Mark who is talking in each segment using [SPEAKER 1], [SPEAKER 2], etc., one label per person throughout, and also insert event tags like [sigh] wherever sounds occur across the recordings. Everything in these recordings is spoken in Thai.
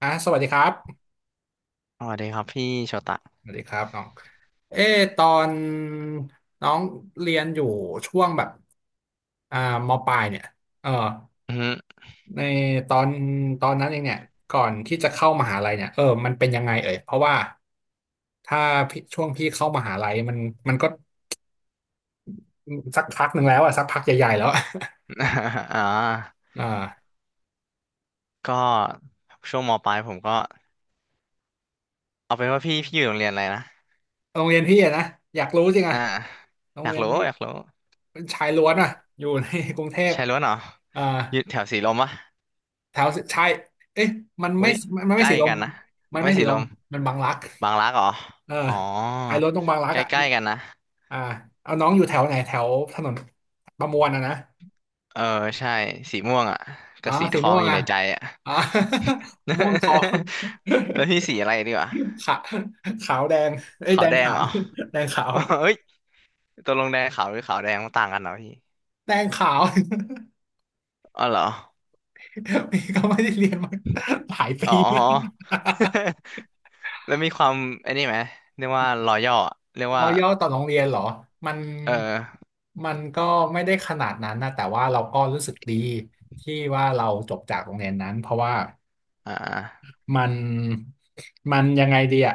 [SPEAKER 1] อ่ะสวัสดีครับ
[SPEAKER 2] สวัสดีครับพี่โชตะ
[SPEAKER 1] สวัสดีครับน้องเออตอนน้องเรียนอยู่ช่วงแบบอ่ามปลายเนี่ยเออ
[SPEAKER 2] อืม
[SPEAKER 1] ในตอนตอนนั้นเองเนี่ยก่อนที่จะเข้ามหาลัยเนี่ยมันเป็นยังไงเอ่ยเพราะว่าถ้าพี่ช่วงพี่เข้ามหาลัยมันก็สักพักหนึ่งแล้วอะสักพักใหญ่ๆแล้วอะ
[SPEAKER 2] [laughs] อ่า
[SPEAKER 1] อ่า
[SPEAKER 2] ก็ช่วงมปลายผมก็เอาเป็นว่าพี่อยู่โรงเรียนอะไรนะ
[SPEAKER 1] โรงเรียนพี่อะนะอยากรู้จริงอะ
[SPEAKER 2] อ่า
[SPEAKER 1] โร
[SPEAKER 2] อ
[SPEAKER 1] ง
[SPEAKER 2] ยาก
[SPEAKER 1] เรียน
[SPEAKER 2] รู้
[SPEAKER 1] พี่
[SPEAKER 2] อยากรู้
[SPEAKER 1] เป็นชายล้วนอะอยู่ใน [laughs] กรุงเทพ
[SPEAKER 2] ใช่ล้วนเหรอ
[SPEAKER 1] อ่า
[SPEAKER 2] อยู่แถวสีลมปะ
[SPEAKER 1] แถวใช่เอ๊ะมัน
[SPEAKER 2] อุ้
[SPEAKER 1] ไม่
[SPEAKER 2] ย
[SPEAKER 1] มัน
[SPEAKER 2] ใก
[SPEAKER 1] ไม่
[SPEAKER 2] ล้
[SPEAKER 1] สีลม
[SPEAKER 2] กันนะ
[SPEAKER 1] มัน
[SPEAKER 2] ไม่
[SPEAKER 1] ไม่สี
[SPEAKER 2] สี
[SPEAKER 1] ล
[SPEAKER 2] ล
[SPEAKER 1] ม
[SPEAKER 2] ม
[SPEAKER 1] มันบางรัก
[SPEAKER 2] บางรักเหรอ
[SPEAKER 1] เออ
[SPEAKER 2] อ๋อ
[SPEAKER 1] ขายรถตรงบางรัก
[SPEAKER 2] ใก
[SPEAKER 1] อ่ะมี
[SPEAKER 2] ล้ๆกันนะ
[SPEAKER 1] อ่าเอาน้องอยู่แถวไหนแถวถนนประมวลอ่ะนะ
[SPEAKER 2] เออใช่สีม่วงอ่ะ
[SPEAKER 1] อ๋อ
[SPEAKER 2] กับสีท
[SPEAKER 1] สี
[SPEAKER 2] อ
[SPEAKER 1] ม่
[SPEAKER 2] ง
[SPEAKER 1] วง
[SPEAKER 2] อยู่
[SPEAKER 1] อ่ะ
[SPEAKER 2] ในใจอ่ะ
[SPEAKER 1] อ๋อ [laughs] ม่วงทอง
[SPEAKER 2] [laughs] แล้วพี่สีอะไรดีวะ
[SPEAKER 1] [laughs] ขาขาวแดงเอ้ย
[SPEAKER 2] ขา
[SPEAKER 1] แด
[SPEAKER 2] ว
[SPEAKER 1] ง
[SPEAKER 2] แดง
[SPEAKER 1] ขา
[SPEAKER 2] เหร
[SPEAKER 1] ว
[SPEAKER 2] อ
[SPEAKER 1] แดงขา
[SPEAKER 2] [laughs]
[SPEAKER 1] ว
[SPEAKER 2] เอ้ [laughs] ยตกลงแดงขาวหรือขาวแดงมันต่างกันเหรอพี่
[SPEAKER 1] แดงขาว
[SPEAKER 2] อ๋อเหรอ
[SPEAKER 1] [laughs] นี่ก็ไม่ได้เรียนมาหลาย
[SPEAKER 2] อ๋อ
[SPEAKER 1] ปี
[SPEAKER 2] [laughs] แล้วมีความไอ้นี่ไหมเรียกว่ารอย่อเรียก
[SPEAKER 1] ร
[SPEAKER 2] ว่า
[SPEAKER 1] อย่อต่อโรงเรียนเหรอมัน
[SPEAKER 2] เออ
[SPEAKER 1] มันก็ไม่ได้ขนาดนั้นนะแต่ว่าเราก็รู้สึกดีที่ว่าเราจบจากโรงเรียนนั้นเพราะว่า
[SPEAKER 2] อ่า
[SPEAKER 1] มันมันยังไงดีอะ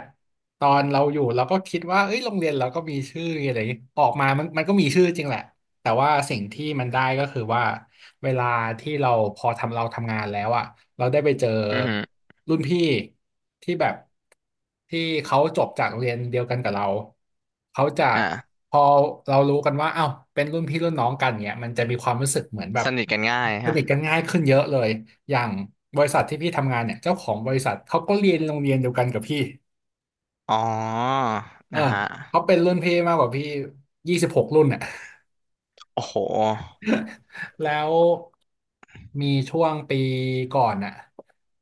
[SPEAKER 1] ตอนเราอยู่เราก็คิดว่าเอ้ยโรงเรียนเราก็มีชื่ออะไรอย่างงี้ออกมามันก็มีชื่อจริงแหละ แต่ว่าสิ่งที่มันได้ก็คือว่าเวลาที่เราพอทำเราทำงานแล้วอ่ะเราได้ไปเจอ
[SPEAKER 2] อือหือ
[SPEAKER 1] รุ่นพี่ที่แบบที่เขาจบจากโรงเรียนเดียวกันกับเราเขาจะ
[SPEAKER 2] อ่า
[SPEAKER 1] พอเรารู้กันว่าเอ้าวเป็นรุ่นพี่รุ่นน้องกันเนี่ยมันจะมีความรู้สึกเหมือนแบ
[SPEAKER 2] ส
[SPEAKER 1] บ
[SPEAKER 2] นิทกันง่าย
[SPEAKER 1] ส
[SPEAKER 2] ฮะ
[SPEAKER 1] นิทกันง่ายขึ้นเยอะเลยอย่างบริษัทที่พี่ทำงานเนี่ยเจ้าของบริษัทเขาก็เรียนโรงเรียนเดียวกันกับพี่
[SPEAKER 2] อ๋อ
[SPEAKER 1] เออ
[SPEAKER 2] นะฮะ
[SPEAKER 1] เขาเป็นรุ่นพี่มากกว่าพี่26 รุ่นอ่ะ
[SPEAKER 2] โอ้โห
[SPEAKER 1] [laughs] แล้วมีช่วงปีก่อนอะ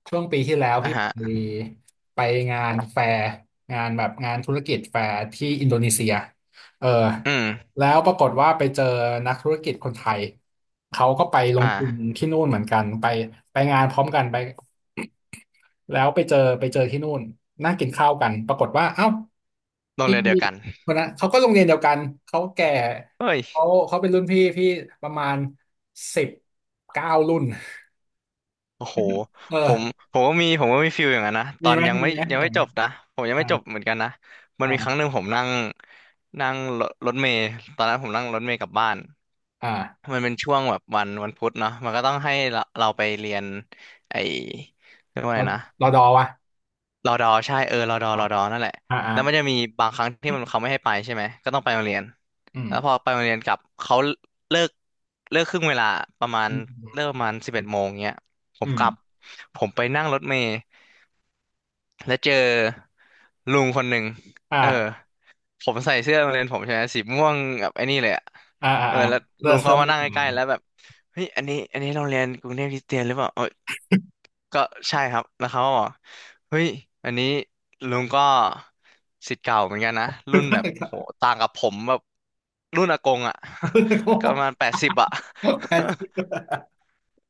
[SPEAKER 1] ช่วงปีที่แล้ว
[SPEAKER 2] อ่ะ
[SPEAKER 1] พี่ไป
[SPEAKER 2] ฮะ
[SPEAKER 1] ไปงานแฟร์งานแบบงานธุรกิจแฟร์ที่อินโดนีเซียเออ
[SPEAKER 2] อืม
[SPEAKER 1] แล้วปรากฏว่าไปเจอนักธุรกิจคนไทยเขาก็ไปลงทุน
[SPEAKER 2] อ่า
[SPEAKER 1] ที่นู่นเหมือนกันไปงานพร้อมกันไปแล้วไปเจอที่นู่นนั่งกินข้าวกันปรากฏว่าเอ้า
[SPEAKER 2] โรง
[SPEAKER 1] พี่
[SPEAKER 2] เรียนเดียวกัน
[SPEAKER 1] คนนั้นเขาก็โรงเรียนเดียวกันเขาแก่
[SPEAKER 2] เฮ้ย
[SPEAKER 1] เขาเขาเป็นรุ่นพี่พี่ประมาณ19 รุ่น
[SPEAKER 2] โอ้โห
[SPEAKER 1] เออ
[SPEAKER 2] ผมผมก็มีฟิลอย่างนั้นนะต
[SPEAKER 1] มี
[SPEAKER 2] อน
[SPEAKER 1] ไหม
[SPEAKER 2] ยัง
[SPEAKER 1] มี
[SPEAKER 2] ไม่
[SPEAKER 1] ไหม
[SPEAKER 2] ยัง
[SPEAKER 1] อย่า
[SPEAKER 2] ไม่
[SPEAKER 1] ง
[SPEAKER 2] จ
[SPEAKER 1] นั้น
[SPEAKER 2] บนะผมยังไม่
[SPEAKER 1] อ่า
[SPEAKER 2] จบเหมือนกันนะมันมีครั้ง
[SPEAKER 1] อ่า
[SPEAKER 2] หนึ่งผมนั่งนั่งรถรถเมล์ตอนนั้นผมนั่งรถเมล์กลับบ้าน
[SPEAKER 1] อ่า
[SPEAKER 2] มันเป็นช่วงแบบวันพุธเนาะมันก็ต้องให้เราไปเรียนไอเรียกว่า
[SPEAKER 1] ร
[SPEAKER 2] ไง
[SPEAKER 1] อ
[SPEAKER 2] นะ
[SPEAKER 1] รอดอวะ
[SPEAKER 2] รอดอใช่เออรอดอ
[SPEAKER 1] อ๋อ
[SPEAKER 2] รอดอนั่นแหละ
[SPEAKER 1] อ่าอ่า
[SPEAKER 2] แล้วมันจะมีบางครั้งที่มันเขาไม่ให้ไปใช่ไหมก็ต้องไปโรงเรียน
[SPEAKER 1] อื
[SPEAKER 2] แล้วพอ
[SPEAKER 1] ม
[SPEAKER 2] ไปโรงเรียนกลับเขาเลิกเลิกครึ่งเวลาประมาณ
[SPEAKER 1] อื
[SPEAKER 2] เลิก
[SPEAKER 1] ม
[SPEAKER 2] ประมาณ11 โมงเงี้ยผ
[SPEAKER 1] อื
[SPEAKER 2] ม
[SPEAKER 1] ม
[SPEAKER 2] กลับผมไปนั่งรถเมล์ แล้วเจอลุงคนหนึ่งเออ
[SPEAKER 1] อ่า
[SPEAKER 2] ผมใส่เสื้อโรงเรียนผมใช่ไหมสีม่วงแบบไอ้นี่เลยอะ
[SPEAKER 1] อ่าอ่า
[SPEAKER 2] เออ
[SPEAKER 1] อ่า
[SPEAKER 2] แล้ว
[SPEAKER 1] เริ่
[SPEAKER 2] ลุ
[SPEAKER 1] ม
[SPEAKER 2] ง
[SPEAKER 1] เร
[SPEAKER 2] เขามา
[SPEAKER 1] ิ่
[SPEAKER 2] นั่ง
[SPEAKER 1] ม
[SPEAKER 2] ใก
[SPEAKER 1] มา
[SPEAKER 2] ล้ๆแล้วแบบเฮ้ยอันนี้โรงเรียนกรุงเทพคริสเตียนหรือเปล่าเออก็ใช่ครับแล้วเขาก็บอกเฮ้ยอันนี้ลุงก็ศิษย์เก่าเหมือนกันนะ
[SPEAKER 1] เพิ่
[SPEAKER 2] รุ่นแบบโห
[SPEAKER 1] ง
[SPEAKER 2] ต่างกับผมแบบรุ่นอากงอะ
[SPEAKER 1] โง่
[SPEAKER 2] [laughs] ก็ประมาณ80อะ [laughs]
[SPEAKER 1] จ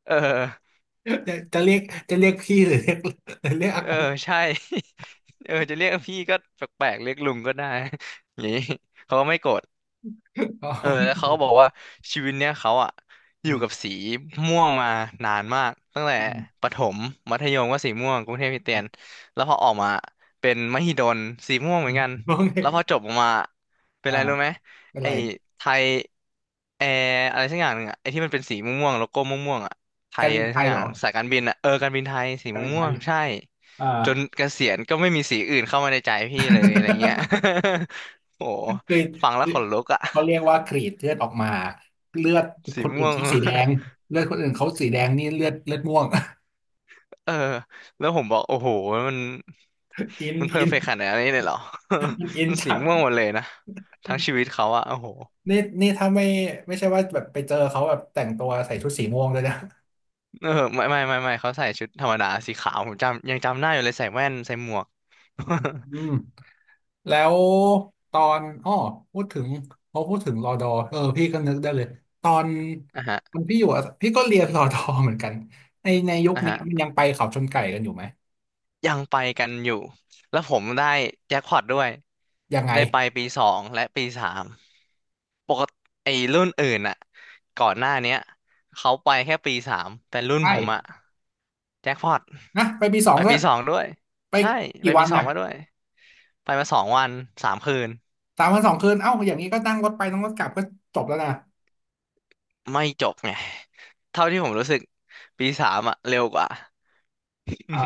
[SPEAKER 2] เออ
[SPEAKER 1] ะจะเรียกจะเรียกพี่หรือเรียกอา
[SPEAKER 2] เออ
[SPEAKER 1] กง
[SPEAKER 2] ใช่ [laughs] เออจะเรียกพี่ก็แปลกๆเรียกลุงก็ได้ [laughs] อย่างนี้เขาก็ไม่โกรธ
[SPEAKER 1] อ๋อ
[SPEAKER 2] เออ
[SPEAKER 1] ไม่
[SPEAKER 2] แล้ว
[SPEAKER 1] ถู
[SPEAKER 2] เขาก็
[SPEAKER 1] ก
[SPEAKER 2] บอกว่าชีวิตเนี้ยเขาอะอ
[SPEAKER 1] อื
[SPEAKER 2] ยู่กับ
[SPEAKER 1] ม
[SPEAKER 2] สีม่วงมานานมากตั้งแต่
[SPEAKER 1] อืม
[SPEAKER 2] ประถมมัธยมก็สีม่วงกรุงเทพคริสเตียนแล้วพอออกมาเป็นมหิดลสีม่วงเหมือนกัน
[SPEAKER 1] ต้องเรีย
[SPEAKER 2] แล้
[SPEAKER 1] ก
[SPEAKER 2] วพอจบออกมาเป็น
[SPEAKER 1] อ่า
[SPEAKER 2] อะไรรู้ไหม
[SPEAKER 1] เป็น
[SPEAKER 2] ไอ้
[SPEAKER 1] ไร
[SPEAKER 2] ไทยแอร์อะไรสักอย่างหนึ่งอะไอ้ที่มันเป็นสีม่วงๆโลโก้ม่วงๆอะไท
[SPEAKER 1] กา
[SPEAKER 2] ย
[SPEAKER 1] รบิ
[SPEAKER 2] อะ
[SPEAKER 1] น
[SPEAKER 2] ไร
[SPEAKER 1] ไท
[SPEAKER 2] สัก
[SPEAKER 1] ย
[SPEAKER 2] อ
[SPEAKER 1] เหร
[SPEAKER 2] ย่าง
[SPEAKER 1] อ
[SPEAKER 2] สายการบินอะเออการบินไทยสี
[SPEAKER 1] การบินไท
[SPEAKER 2] ม่ว
[SPEAKER 1] ย
[SPEAKER 2] งๆใช่
[SPEAKER 1] อ่า
[SPEAKER 2] จนเกษียณก็ไม่มีสีอื่นเข้ามาในใจพี่เลยอะไรเงี้ย [laughs] โอ้
[SPEAKER 1] [laughs] คือ
[SPEAKER 2] ฟังแล้ว
[SPEAKER 1] คือ
[SPEAKER 2] ขนลุกอะ
[SPEAKER 1] เขาเรียกว่ากรีดเลือดออกมาเลือดค
[SPEAKER 2] สี
[SPEAKER 1] นอื่
[SPEAKER 2] ม่
[SPEAKER 1] น
[SPEAKER 2] วง
[SPEAKER 1] เขา
[SPEAKER 2] [laughs]
[SPEAKER 1] สีแดงเลือดคนอื่นเขาสีแดงนี่เลือดเลือดม่วง [laughs]
[SPEAKER 2] เออ แล้วผมบอกโอ้โห มัน
[SPEAKER 1] อิน
[SPEAKER 2] มันเพอ
[SPEAKER 1] อิ
[SPEAKER 2] ร์
[SPEAKER 1] น
[SPEAKER 2] เฟกต์ขนาดนี้เลยเหรอ
[SPEAKER 1] [laughs] มัน
[SPEAKER 2] [laughs]
[SPEAKER 1] อิน
[SPEAKER 2] มันสี
[SPEAKER 1] จัด
[SPEAKER 2] ม่วงหมดเลยนะ ทั้งชีวิตเขาอะโอ้โห
[SPEAKER 1] นี่ถ้าไม่ไม่ใช่ว่าแบบไปเจอเขาแบบแต่งตัวใส่ชุดสีม่วงเลยนะ
[SPEAKER 2] เออไม่ไม่ไม่ไม่เขาใส่ชุดธรรมดาสีขาว ผมจำยังจำได้อยู่เลยใส่แว่นใส่หมวก
[SPEAKER 1] อืม
[SPEAKER 2] [laughs]
[SPEAKER 1] แล้วตอนอ้อพูดถึงพอพูดถึงรอดอเออพี่ก็นึกได้เลยตอน
[SPEAKER 2] อ่ะฮะ
[SPEAKER 1] ตอนพี่อยู่อะพี่ก็เรียนรอดอเหมือนกันในยุค
[SPEAKER 2] อ่ะ
[SPEAKER 1] นี้
[SPEAKER 2] ฮะ
[SPEAKER 1] มันยังไปเขาชนไก่กันอยู่ไหม
[SPEAKER 2] ยังไปกันอยู่ แล้วผมได้แจ็คพอตด้วย
[SPEAKER 1] ยังไง
[SPEAKER 2] ได้ไปปีสองและปีสาม ปกติไอ้รุ่นอื่นอะก่อนหน้าเนี้ยเขาไปแค่ปีสามแต่รุ่นผมอะ
[SPEAKER 1] ใช่
[SPEAKER 2] แจ็คพอต
[SPEAKER 1] นะไปปีสอง
[SPEAKER 2] ไป
[SPEAKER 1] ด้ว
[SPEAKER 2] ปี
[SPEAKER 1] ย
[SPEAKER 2] สองด้วย
[SPEAKER 1] ไป
[SPEAKER 2] ใช่ไป
[SPEAKER 1] กี่วั
[SPEAKER 2] ปี
[SPEAKER 1] น
[SPEAKER 2] สอง
[SPEAKER 1] น่ะ
[SPEAKER 2] มาด้วยไปมา2 วัน 3 คืน
[SPEAKER 1] 3 วัน 2 คืนเอ้าอย่างนี้ก็นั่งรถไปนั่งรถกลับก็จบแล้วนะ
[SPEAKER 2] ไม่จบไงเท่าที่ผมรู้สึกปีสามอะเร็วกว่า [laughs] อื
[SPEAKER 1] อ่า
[SPEAKER 2] ม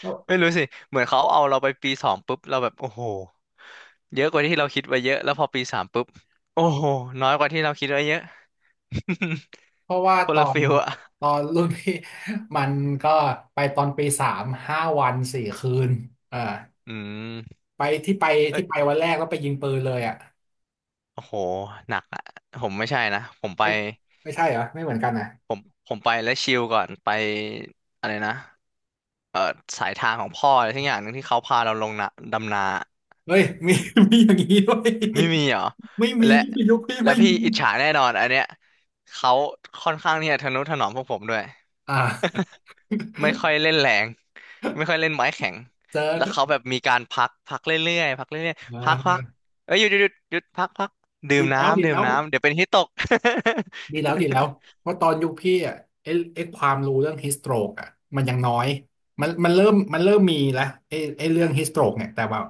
[SPEAKER 1] แล้ว
[SPEAKER 2] ไม่รู้สิเหมือนเขาเอาเราไปปีสองปุ๊บเราแบบโอ้โหเยอะกว่าที่เราคิดไว้เยอะแล้วพอปีสามปุ๊บโอ้โหน้อยกว่าที่เราคิดไว้เยอะ
[SPEAKER 1] เพราะว่า
[SPEAKER 2] [laughs] ค
[SPEAKER 1] ต
[SPEAKER 2] น
[SPEAKER 1] อ
[SPEAKER 2] ละ
[SPEAKER 1] น
[SPEAKER 2] ฟิลอะ
[SPEAKER 1] ตอนรุ่นพี่ [laughs] มันก็ไปตอนปีสาม5 วัน 4 คืนอ่า
[SPEAKER 2] อืม
[SPEAKER 1] ไปที่ไป
[SPEAKER 2] เอ
[SPEAKER 1] ที่ไป
[SPEAKER 2] ้
[SPEAKER 1] วันแรกแล้วไปยิงปืนเลยอ่ะ
[SPEAKER 2] โอ้โหหนักอะผมไม่ใช่นะผมไป
[SPEAKER 1] ไม่ไม่ใช่เหรอไม่เหมือนกันนะ
[SPEAKER 2] ผมผมไปแล้วชิลก่อนไปอะไรนะเออสายทางของพ่ออะไรทั้งอย่างหนึ่งที่เขาพาเราลงนะดำนา
[SPEAKER 1] เฮ้ยมีอย่างนี้ด้วย
[SPEAKER 2] ไม่มีเหรอ
[SPEAKER 1] ไม่มี
[SPEAKER 2] และ
[SPEAKER 1] ยุคพี่
[SPEAKER 2] และ
[SPEAKER 1] ไม่
[SPEAKER 2] พี่
[SPEAKER 1] มี
[SPEAKER 2] อิจฉาแน่นอนอันเนี้ยเขาค่อนข้างที่จะทะนุถนอมพวกผมด้วย
[SPEAKER 1] อ่า
[SPEAKER 2] ไม่ค่อยเล่นแรงไม่ค่อยเล่นไม้แข็ง
[SPEAKER 1] เจ
[SPEAKER 2] แล้วเขา
[SPEAKER 1] อ
[SPEAKER 2] แบบมีการพักพักเรื่อยๆพักเรื่อย
[SPEAKER 1] อ่
[SPEAKER 2] ๆพักพัก
[SPEAKER 1] า
[SPEAKER 2] เอ้ยหยุดหยุดหยุดหยุดพักพักดื่
[SPEAKER 1] ดี
[SPEAKER 2] ม
[SPEAKER 1] แล้วดี
[SPEAKER 2] น้ำดื่
[SPEAKER 1] แล้
[SPEAKER 2] ม
[SPEAKER 1] ว
[SPEAKER 2] น้ำเดี๋ยวเป็นฮิตตก
[SPEAKER 1] ดีแล้วดีแล้วเพราะตอนยุคพี่อ่ะไอ้ไอ้ความรู้เรื่องฮิสโตรกอ่ะมันยังน้อยมันเริ่มมีแล้วไอ้เรื่องฮิสโตรกเนี่ยแต่ว่า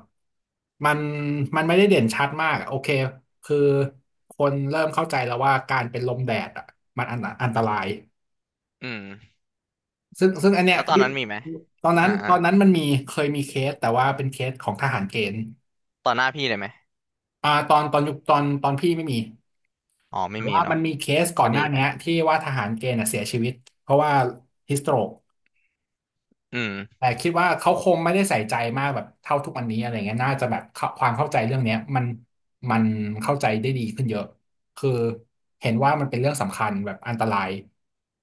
[SPEAKER 1] มันมันไม่ได้เด่นชัดมากอะโอเคคือคนเริ่มเข้าใจแล้วว่าการเป็นลมแดดอ่ะมันอันตราย
[SPEAKER 2] [laughs] อืม
[SPEAKER 1] ซึ่งอันเนี้ย
[SPEAKER 2] แล้วตอน
[SPEAKER 1] พี่
[SPEAKER 2] นั้นมีไหม
[SPEAKER 1] ตอนนั้
[SPEAKER 2] อ่า
[SPEAKER 1] น
[SPEAKER 2] อ่า
[SPEAKER 1] ตอนนั้นมันมีเคยมีเคสแต่ว่าเป็นเคสของทหารเกณฑ์
[SPEAKER 2] ต่อหน้าพี่เลยไหม
[SPEAKER 1] อ่าตอนตอนยุคตอนตอนพี่ไม่มี
[SPEAKER 2] อ๋อไม่
[SPEAKER 1] แต่
[SPEAKER 2] มี
[SPEAKER 1] ว่ามั
[SPEAKER 2] เนาะ
[SPEAKER 1] นมีเคสก่อ
[SPEAKER 2] ก็
[SPEAKER 1] นหน้า
[SPEAKER 2] ดีไป
[SPEAKER 1] เนี้ยที่ว่าทหารเกณฑ์น่ะเสียชีวิตเพราะว่าฮิสโตรก
[SPEAKER 2] อืม
[SPEAKER 1] แต่คิดว่าเขาคงไม่ได้ใส่ใจมากแบบเท่าทุกวันนี้อะไรเงี้ยน่าจะแบบเข้าความเข้าใจเรื่องเนี้ยมันเข้าใจได้ดีขึ้นเยอะคือเห็นว่ามันเป็นเรื่องสำคัญแบบอันตราย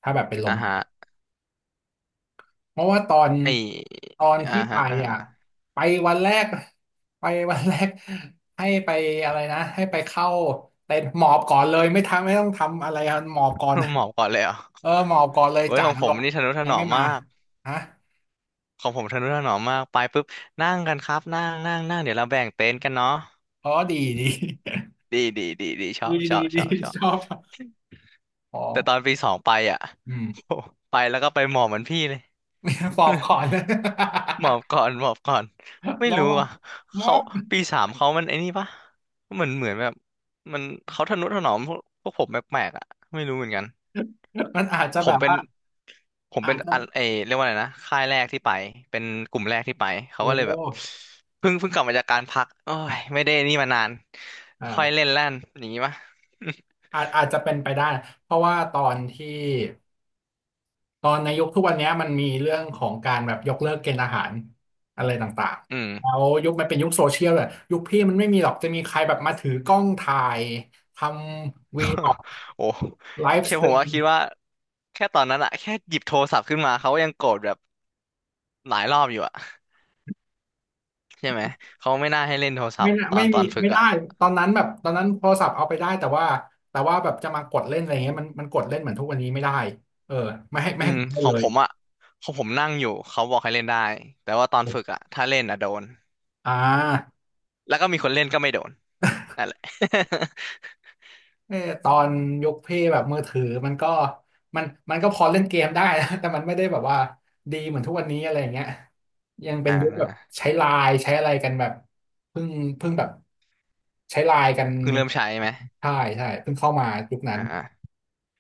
[SPEAKER 1] ถ้าแบบเป็นล
[SPEAKER 2] อ่า
[SPEAKER 1] ม
[SPEAKER 2] ฮะ
[SPEAKER 1] เพราะว่าตอน
[SPEAKER 2] ไอ
[SPEAKER 1] ตอน
[SPEAKER 2] อ่า
[SPEAKER 1] พี่ไป
[SPEAKER 2] ฮะอ่า
[SPEAKER 1] อ่ะ
[SPEAKER 2] ฮะ
[SPEAKER 1] ไปวันแรกไปวันแรกให้ไปอะไรนะให้ไปเข้าเต็นท์หมอบก่อนเลยไม่ทำไม่ต้องทำอะไรอะหมอบก่อน
[SPEAKER 2] [laughs] หมอบก่อนเลยเหรอ
[SPEAKER 1] เออหมอบก่อนเลย
[SPEAKER 2] เว้ย
[SPEAKER 1] จ่า
[SPEAKER 2] ขอ
[SPEAKER 1] น
[SPEAKER 2] งผ
[SPEAKER 1] ร
[SPEAKER 2] ม
[SPEAKER 1] ก
[SPEAKER 2] นี่ทะนุถ
[SPEAKER 1] ยั
[SPEAKER 2] น
[SPEAKER 1] ง
[SPEAKER 2] อ
[SPEAKER 1] ไม่
[SPEAKER 2] ม
[SPEAKER 1] มา
[SPEAKER 2] มาก
[SPEAKER 1] ฮะ
[SPEAKER 2] ของผมทะนุถนอมมากไปปุ๊บนั่งกันครับนั่งนั่งนั่งเดี๋ยวเราแบ่งเต็นท์กันเนาะ
[SPEAKER 1] อ๋อดีดี
[SPEAKER 2] ดีดีดีดี ชอ
[SPEAKER 1] ดี
[SPEAKER 2] บช
[SPEAKER 1] ดี
[SPEAKER 2] อบช
[SPEAKER 1] ดี
[SPEAKER 2] อบชอบ
[SPEAKER 1] ชอบ ฟอง
[SPEAKER 2] แต่ตอนปีสองไปอ่ะ
[SPEAKER 1] อืม
[SPEAKER 2] โอ้ไปแล้วก็ไปหมอบเหมือนพี่เลย
[SPEAKER 1] [laughs] ฟอบก่อนเลย
[SPEAKER 2] หมอบก่อนไม่
[SPEAKER 1] [laughs] ลอง
[SPEAKER 2] รู้
[SPEAKER 1] ว่า
[SPEAKER 2] อ่ะ
[SPEAKER 1] ม็อ
[SPEAKER 2] เขา
[SPEAKER 1] บ
[SPEAKER 2] ปีสามเขามันไอ้นี่ปะเหมือนแบบมันเขาทะนุถนอมพวกผมแปลกๆอ่ะไม่รู้เหมือนกัน
[SPEAKER 1] มันอาจจะ
[SPEAKER 2] ผ
[SPEAKER 1] แบ
[SPEAKER 2] ม
[SPEAKER 1] บ
[SPEAKER 2] เป็น
[SPEAKER 1] ว่า
[SPEAKER 2] ผม
[SPEAKER 1] อา
[SPEAKER 2] เป็น
[SPEAKER 1] จจะ
[SPEAKER 2] อันเรียกว่าอะไรนะค่ายแรกที่ไปเป็นกลุ่มแรกที่ไปเขา
[SPEAKER 1] โอ
[SPEAKER 2] ก็เลยแบบ
[SPEAKER 1] ้
[SPEAKER 2] เพิ่งกลับมาจากการพักโอ้ยไม่ได้นี่มานานค่อยเล่น
[SPEAKER 1] อ่า
[SPEAKER 2] แล่นอย่างงี้ปะ
[SPEAKER 1] อาจอาจจะเป็นไปได้เพราะว่าตอนในยุคทุกวันเนี้ยมันมีเรื่องของการแบบยกเลิกเกณฑ์อาหารอะไรต่าง
[SPEAKER 2] [laughs] อืม
[SPEAKER 1] ๆแล้วยุคมันเป็นยุคโซเชียลเลยยุคพี่มันไม่มีหรอกจะมีใครแบบมาถือกล้องถ่ายทำวีออก
[SPEAKER 2] โอ้
[SPEAKER 1] ไลฟ์
[SPEAKER 2] แค่
[SPEAKER 1] สต
[SPEAKER 2] ผม
[SPEAKER 1] รี
[SPEAKER 2] ว่า
[SPEAKER 1] ม
[SPEAKER 2] คิดว่าแค่ตอนนั้นอะแค่หยิบโทรศัพท์ขึ้นมาเขาก็ยังโกรธแบบหลายรอบอยู่อะ ใช่ไหมเขาไม่น่าให้เล่นโทรศัพ
[SPEAKER 1] ไม่
[SPEAKER 2] ท์
[SPEAKER 1] น่า
[SPEAKER 2] ตอนตอนฝึก
[SPEAKER 1] ไม่ได้
[SPEAKER 2] อ่ะ
[SPEAKER 1] ตอนนั้นแบบตอนนั้นโทรศัพท์เอาไปได้แต่ว่าแบบจะมากดเล่นอะไรเงี้ยมันกดเล่นเหมือนทุกวันนี้ไม่ได้เออไม่
[SPEAKER 2] อื
[SPEAKER 1] ให้
[SPEAKER 2] ม
[SPEAKER 1] กดเล่
[SPEAKER 2] ข
[SPEAKER 1] น
[SPEAKER 2] อ
[SPEAKER 1] เล
[SPEAKER 2] งผ
[SPEAKER 1] ย
[SPEAKER 2] มอ่ะของผมนั่งอยู่เขาบอกให้เล่นได้แต่ว่าตอนฝึกอ่ะถ้าเล่นอ่ะโดน
[SPEAKER 1] อ่า
[SPEAKER 2] แล้วก็มีคนเล่นก็ไม่โดนนั่นแหละ
[SPEAKER 1] เออตอนยกเพย์แบบมือถือมันก็มันมันก็พอเล่นเกมได้นะ [laughs] แต่มันไม่ได้แบบว่าดีเหมือนทุกวันนี้อะไรอย่างเงี้ยยัง
[SPEAKER 2] [laughs]
[SPEAKER 1] เป็น
[SPEAKER 2] อ่า
[SPEAKER 1] ยุคแบบใช้ไลน์ใช้อะไรกันแบบเพิ่งเพิ่งแบบใช้ไลน์กัน
[SPEAKER 2] เพิ่งเริ่มใช้ไหม
[SPEAKER 1] ใช่ใช่เพิ่งเข้ามายุคนั้
[SPEAKER 2] อ่
[SPEAKER 1] น
[SPEAKER 2] า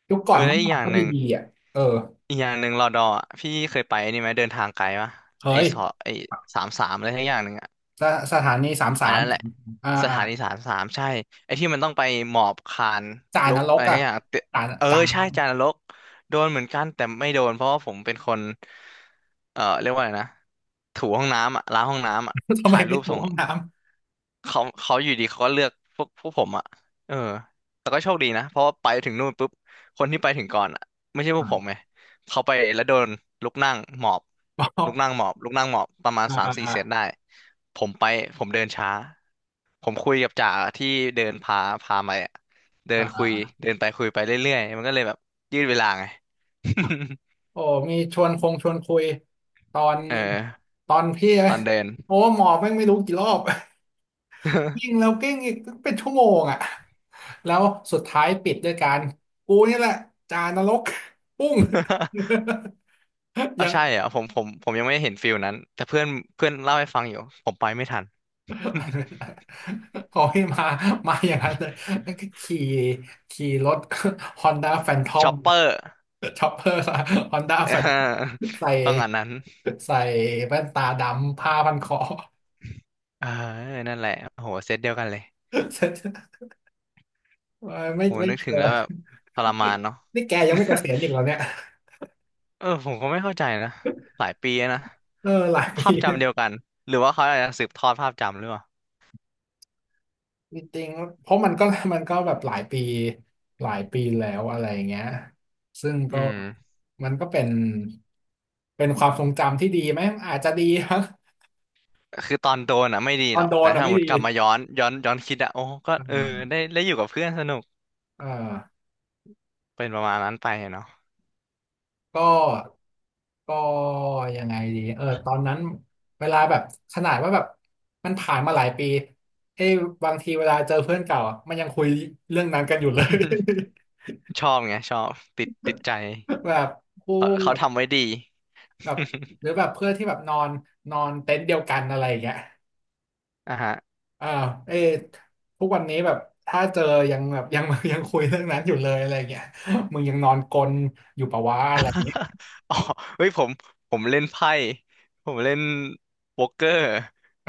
[SPEAKER 1] ยุคก่
[SPEAKER 2] เอ
[SPEAKER 1] อ
[SPEAKER 2] อ
[SPEAKER 1] น
[SPEAKER 2] แล้ว
[SPEAKER 1] เมื่อ
[SPEAKER 2] อีก
[SPEAKER 1] ก่
[SPEAKER 2] อ
[SPEAKER 1] อน
[SPEAKER 2] ย่าง
[SPEAKER 1] ก็
[SPEAKER 2] ห
[SPEAKER 1] บี
[SPEAKER 2] นึ่ง
[SPEAKER 1] บีอ่ะเออ
[SPEAKER 2] อีกอย่างหนึ่งรอดออ่ะพี่เคยไปนี่ไหมเดินทางไกลปะ
[SPEAKER 1] เค
[SPEAKER 2] ไอสอ
[SPEAKER 1] ย
[SPEAKER 2] ไอสามสามอะไรทั้งอย่างหนึ่งอะ
[SPEAKER 1] สถานีสามสา
[SPEAKER 2] อัน
[SPEAKER 1] ม
[SPEAKER 2] นั้นแหละ
[SPEAKER 1] อ่า
[SPEAKER 2] ส
[SPEAKER 1] อ่า
[SPEAKER 2] ถานีสามสามใช่ไอ้ที่มันต้องไปหมอบคาน
[SPEAKER 1] จ่า
[SPEAKER 2] ลุ
[SPEAKER 1] น
[SPEAKER 2] ก
[SPEAKER 1] ร
[SPEAKER 2] อะ
[SPEAKER 1] ก
[SPEAKER 2] ไร
[SPEAKER 1] อ่ะ
[SPEAKER 2] ทั้งอย่างเต
[SPEAKER 1] จ่า
[SPEAKER 2] เออ
[SPEAKER 1] จ่าน
[SPEAKER 2] ใช่
[SPEAKER 1] รก
[SPEAKER 2] จานรกโดนเหมือนกันแต่ไม่โดนเพราะว่าผมเป็นคนเรียกว่าอะไรนะถูห้องน้ำอ่ะล้างห้องน้ำอ่ะ
[SPEAKER 1] [laughs] ทำไม
[SPEAKER 2] ถ่ายรู
[SPEAKER 1] ไม่
[SPEAKER 2] ป
[SPEAKER 1] ถู
[SPEAKER 2] ส่ง
[SPEAKER 1] ห้องน้ำ
[SPEAKER 2] เขาอยู่ดีเขาก็เลือกพวกผมอ่ะเออแต่ก็โชคดีนะเพราะว่าไปถึงนู่นปุ๊บคนที่ไปถึงก่อนอ่ะไม่ใช่พว
[SPEAKER 1] อ่า
[SPEAKER 2] ก
[SPEAKER 1] น
[SPEAKER 2] ผมไงเขาไปแล้วโดนลุกนั่งหมอบ
[SPEAKER 1] เปล่า
[SPEAKER 2] ลุกนั่งหมอบลุกนั่งหมอบประมาณ
[SPEAKER 1] อ่า
[SPEAKER 2] สาม
[SPEAKER 1] อ่า
[SPEAKER 2] สี่
[SPEAKER 1] อ่า
[SPEAKER 2] เซตได้ผมไปผมเดินช้าผมคุยกับจ่าที่เดินพาไปอ่ะเดิ
[SPEAKER 1] อ่า
[SPEAKER 2] นคุ
[SPEAKER 1] อ่า
[SPEAKER 2] ย
[SPEAKER 1] อ่า
[SPEAKER 2] เดินไปคุยไปเรื่อยๆมันก็เลยแบบยืดเวลาไง [laughs]
[SPEAKER 1] โอ้มีชวนคงชวนคุยตอน
[SPEAKER 2] เออ
[SPEAKER 1] ตอนพี่อะ
[SPEAKER 2] ตอนเดิน
[SPEAKER 1] โอ้หมอแม่งไม่รู้กี่รอบ [laughs] ยิ่งแล้วกิ้งอีกเป็นชั่วโมงอ่ะแล้วสุดท้ายปิดด้วยการกูนี่แหละจานรกปุ้ง
[SPEAKER 2] [laughs] เอ
[SPEAKER 1] [laughs]
[SPEAKER 2] อ
[SPEAKER 1] ยัง
[SPEAKER 2] ใช่อ่ะผมยังไม่เห็นฟิลนั้นแต่เพื่อนเพื่อนเล่าให้ฟังอยู่ผมไปไม่ทัน
[SPEAKER 1] [laughs] ขอให้มามาอย่างนั้นเลยนั่นก็ขี่รถ Honda
[SPEAKER 2] [laughs]
[SPEAKER 1] Phantom
[SPEAKER 2] ช็อปเปอร์
[SPEAKER 1] ช็อปเปอร์ Honda
[SPEAKER 2] [laughs] เ
[SPEAKER 1] Phantom
[SPEAKER 2] ออ
[SPEAKER 1] ใส่
[SPEAKER 2] ต้องอันนั้น
[SPEAKER 1] ใส่แว่นตาดำผ้าพันคอ
[SPEAKER 2] เออนั่นแหละโอ้โหเซตเดียวกันเลย
[SPEAKER 1] [laughs] เออ
[SPEAKER 2] โห
[SPEAKER 1] ไม่
[SPEAKER 2] นึก
[SPEAKER 1] เจ
[SPEAKER 2] ถึ
[SPEAKER 1] อ
[SPEAKER 2] งแล้วแบบทรมานเนาะ
[SPEAKER 1] นี่แกยังไม่เกษียณอีกแล้วเนี่ย
[SPEAKER 2] [laughs] เออผมก็ไม่เข้าใจนะหลายปีแล้วนะ
[SPEAKER 1] เออหลาย
[SPEAKER 2] ภา
[SPEAKER 1] ปี
[SPEAKER 2] พจำเดียวกันหรือว่าเขาอาจจะสืบทอดภาพจำหรือเปล่า
[SPEAKER 1] จริงๆเพราะมันก็มันก็แบบหลายปีหลายปีแล้วอะไรอย่างเงี้ยซึ่ง
[SPEAKER 2] อื
[SPEAKER 1] ก็
[SPEAKER 2] ม
[SPEAKER 1] มันก็เป็นความทรงจำที่ดีไหมอาจจะดี
[SPEAKER 2] คือตอนโดนอ่ะไม่ดี
[SPEAKER 1] ตอ
[SPEAKER 2] หร
[SPEAKER 1] น
[SPEAKER 2] อก
[SPEAKER 1] โด
[SPEAKER 2] แต่
[SPEAKER 1] นอ่ะ
[SPEAKER 2] ถ้า
[SPEAKER 1] ไม่
[SPEAKER 2] หม
[SPEAKER 1] ดี
[SPEAKER 2] ดกลับมาย้อนคิดอ่ะโอ้ก็
[SPEAKER 1] อ่
[SPEAKER 2] เออ
[SPEAKER 1] า
[SPEAKER 2] ได้อยู่กับเพื่อนสนุก
[SPEAKER 1] อ่า
[SPEAKER 2] เป็นประมาณนั้นไปเนาะ
[SPEAKER 1] ก็ก็ยังไงดีเออตอนนั้นเวลาแบบขนาดว่าแบบมันผ่านมาหลายปีเอ้ยบางทีเวลาเจอเพื่อนเก่าอะมันยังคุยเรื่องนั้นกันอยู่เลย [laughs]
[SPEAKER 2] [laughs] ชอบไงชอบติดใจ
[SPEAKER 1] แบบคู่
[SPEAKER 2] เขาทำไว้ดี
[SPEAKER 1] แบบหรื
[SPEAKER 2] [laughs]
[SPEAKER 1] อแบบเพื่อนที่แบบนอนนอนเต็นท์เดียวกันอะไรอย่างเงี้ย
[SPEAKER 2] อ่าฮะ
[SPEAKER 1] อ่าเอ้ยทุกวันนี้แบบถ้าเจอยังแบบยัง [laughs] ยังคุยเรื่องนั้นอยู่เลยอะไรอย่างเงี้ยมึงยังนอนกลนอยู่ปะวะอะไรอย่างเงี้ย
[SPEAKER 2] [laughs] อ๋อเฮ้ยผมเล่นไพ่ผมเล่นโป๊กเกอร์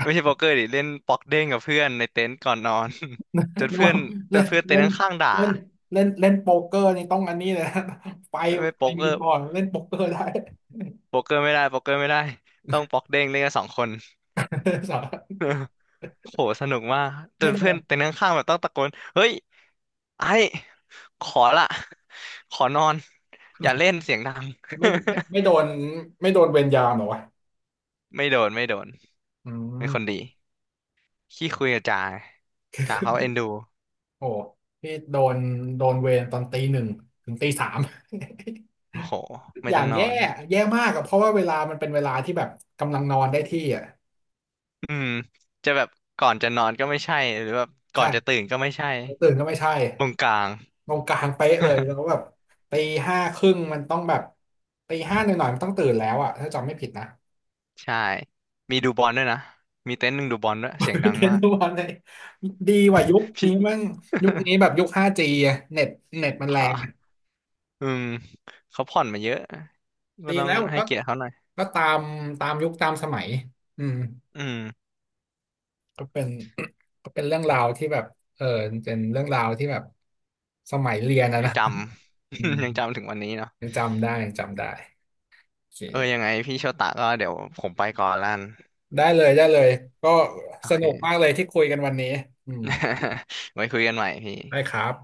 [SPEAKER 2] ไม่ใช่โป๊กเกอร์ดิเล่นป๊อกเด้งกับเพื่อนในเต็นท์ก่อนนอน [laughs] จน
[SPEAKER 1] นึก
[SPEAKER 2] เพื่อ
[SPEAKER 1] ว่า
[SPEAKER 2] นจ
[SPEAKER 1] เล่
[SPEAKER 2] น
[SPEAKER 1] น
[SPEAKER 2] เพื่อนเต็น
[SPEAKER 1] เล่
[SPEAKER 2] ท์
[SPEAKER 1] น
[SPEAKER 2] ข้างๆด่า
[SPEAKER 1] เล่นเล่นเล่นโป๊กเกอร์นี่ต้องอันนี้เลยนะ [laughs] ไฟ
[SPEAKER 2] ไม่
[SPEAKER 1] ไฟ
[SPEAKER 2] โป๊กเก
[SPEAKER 1] มี
[SPEAKER 2] อ
[SPEAKER 1] พ
[SPEAKER 2] ร์
[SPEAKER 1] อเล่นโป๊กเกอร์ได้
[SPEAKER 2] โป๊กเกอร์ไม่ได้โป๊กเกอร์ไม่ได้ต้องป๊อกเด้งเล่นกันสองคน
[SPEAKER 1] [laughs] สา
[SPEAKER 2] [laughs] โหสนุกมากจ
[SPEAKER 1] ไม่
[SPEAKER 2] น
[SPEAKER 1] โด
[SPEAKER 2] เพื่อน
[SPEAKER 1] น
[SPEAKER 2] เต็นท์ข้างๆแบบต้องตะโกนเฮ้ยไอ้ขอละขอนอนอย่าเล่นเสียงดัง
[SPEAKER 1] ไม่โดนไม่โดนเวรยามเหรอวะ
[SPEAKER 2] [laughs] ไม่โดน
[SPEAKER 1] อื
[SPEAKER 2] เป็นคน
[SPEAKER 1] ม
[SPEAKER 2] ดี ขี้คุยกับจ่าจ่าเขาเอ็นดู
[SPEAKER 1] โอ้พี่โดนโดนเวรตอนตี 1ถึงตี 3 [laughs]
[SPEAKER 2] โอ้โหไม่
[SPEAKER 1] อย่า
[SPEAKER 2] ต้อ
[SPEAKER 1] ง
[SPEAKER 2] งนอ
[SPEAKER 1] แย่
[SPEAKER 2] น
[SPEAKER 1] แย่มากอะเพราะว่าเวลามันเป็นเวลาที่แบบกำลังนอนได้ที่อ่ะ
[SPEAKER 2] อืมจะแบบก่อนจะนอนก็ไม่ใช่หรือแบบก่อนจะ
[SPEAKER 1] ใช่
[SPEAKER 2] ตื่นก็ไม่ใช่
[SPEAKER 1] ตื่นก็ไม่ใช่
[SPEAKER 2] ตรงกลาง
[SPEAKER 1] ตรงกลางเป๊ะเลยแล้ว
[SPEAKER 2] [laughs]
[SPEAKER 1] แบบตีห้าครึ่งมันต้องแบบตีห้าหน่อยๆมันต้องตื่นแล้วอะถ้าจำไม่ผิดนะ
[SPEAKER 2] ใช่มีดูบอลด้วยนะมีเต็นท์หนึ่งดูบอลด้วยเสียงดัง
[SPEAKER 1] เทรน
[SPEAKER 2] มา
[SPEAKER 1] ด์
[SPEAKER 2] ก
[SPEAKER 1] ทุกวันเลยดีกว่ายุค
[SPEAKER 2] พี่
[SPEAKER 1] นี้มั่งยุคนี้แบบยุค 5G อะเน็ตมัน
[SPEAKER 2] [laughs] พ
[SPEAKER 1] แรงอะ
[SPEAKER 2] าอืมเขาผ่อนมาเยอะ ก็
[SPEAKER 1] ดี
[SPEAKER 2] ต้อง
[SPEAKER 1] แล้ว
[SPEAKER 2] ให้
[SPEAKER 1] ก็
[SPEAKER 2] เกียรติเขาหน่อย
[SPEAKER 1] ก็ตามตามยุคตามสมัยอืม
[SPEAKER 2] อืม
[SPEAKER 1] ก็เป็น [clears throat] ก็เป็นเรื่องราวที่แบบเออเป็นเรื่องราวที่แบบสมัยเรียนอะ
[SPEAKER 2] ยัง
[SPEAKER 1] นะ
[SPEAKER 2] จำ
[SPEAKER 1] อืม
[SPEAKER 2] [laughs] ยังจำถึงวันนี้เนาะ
[SPEAKER 1] ยังจำได้ยังจำได้โอเค
[SPEAKER 2] เออยังไงพี่โชตะก็เดี๋ยวผมไปก่อนละกัน
[SPEAKER 1] ได้เลยได้เลยก็
[SPEAKER 2] โอ
[SPEAKER 1] ส
[SPEAKER 2] เค
[SPEAKER 1] นุกมากเลยที่คุยกันวันนี้อืม
[SPEAKER 2] [laughs] ไว้คุยกันใหม่พี่
[SPEAKER 1] ได้ครับ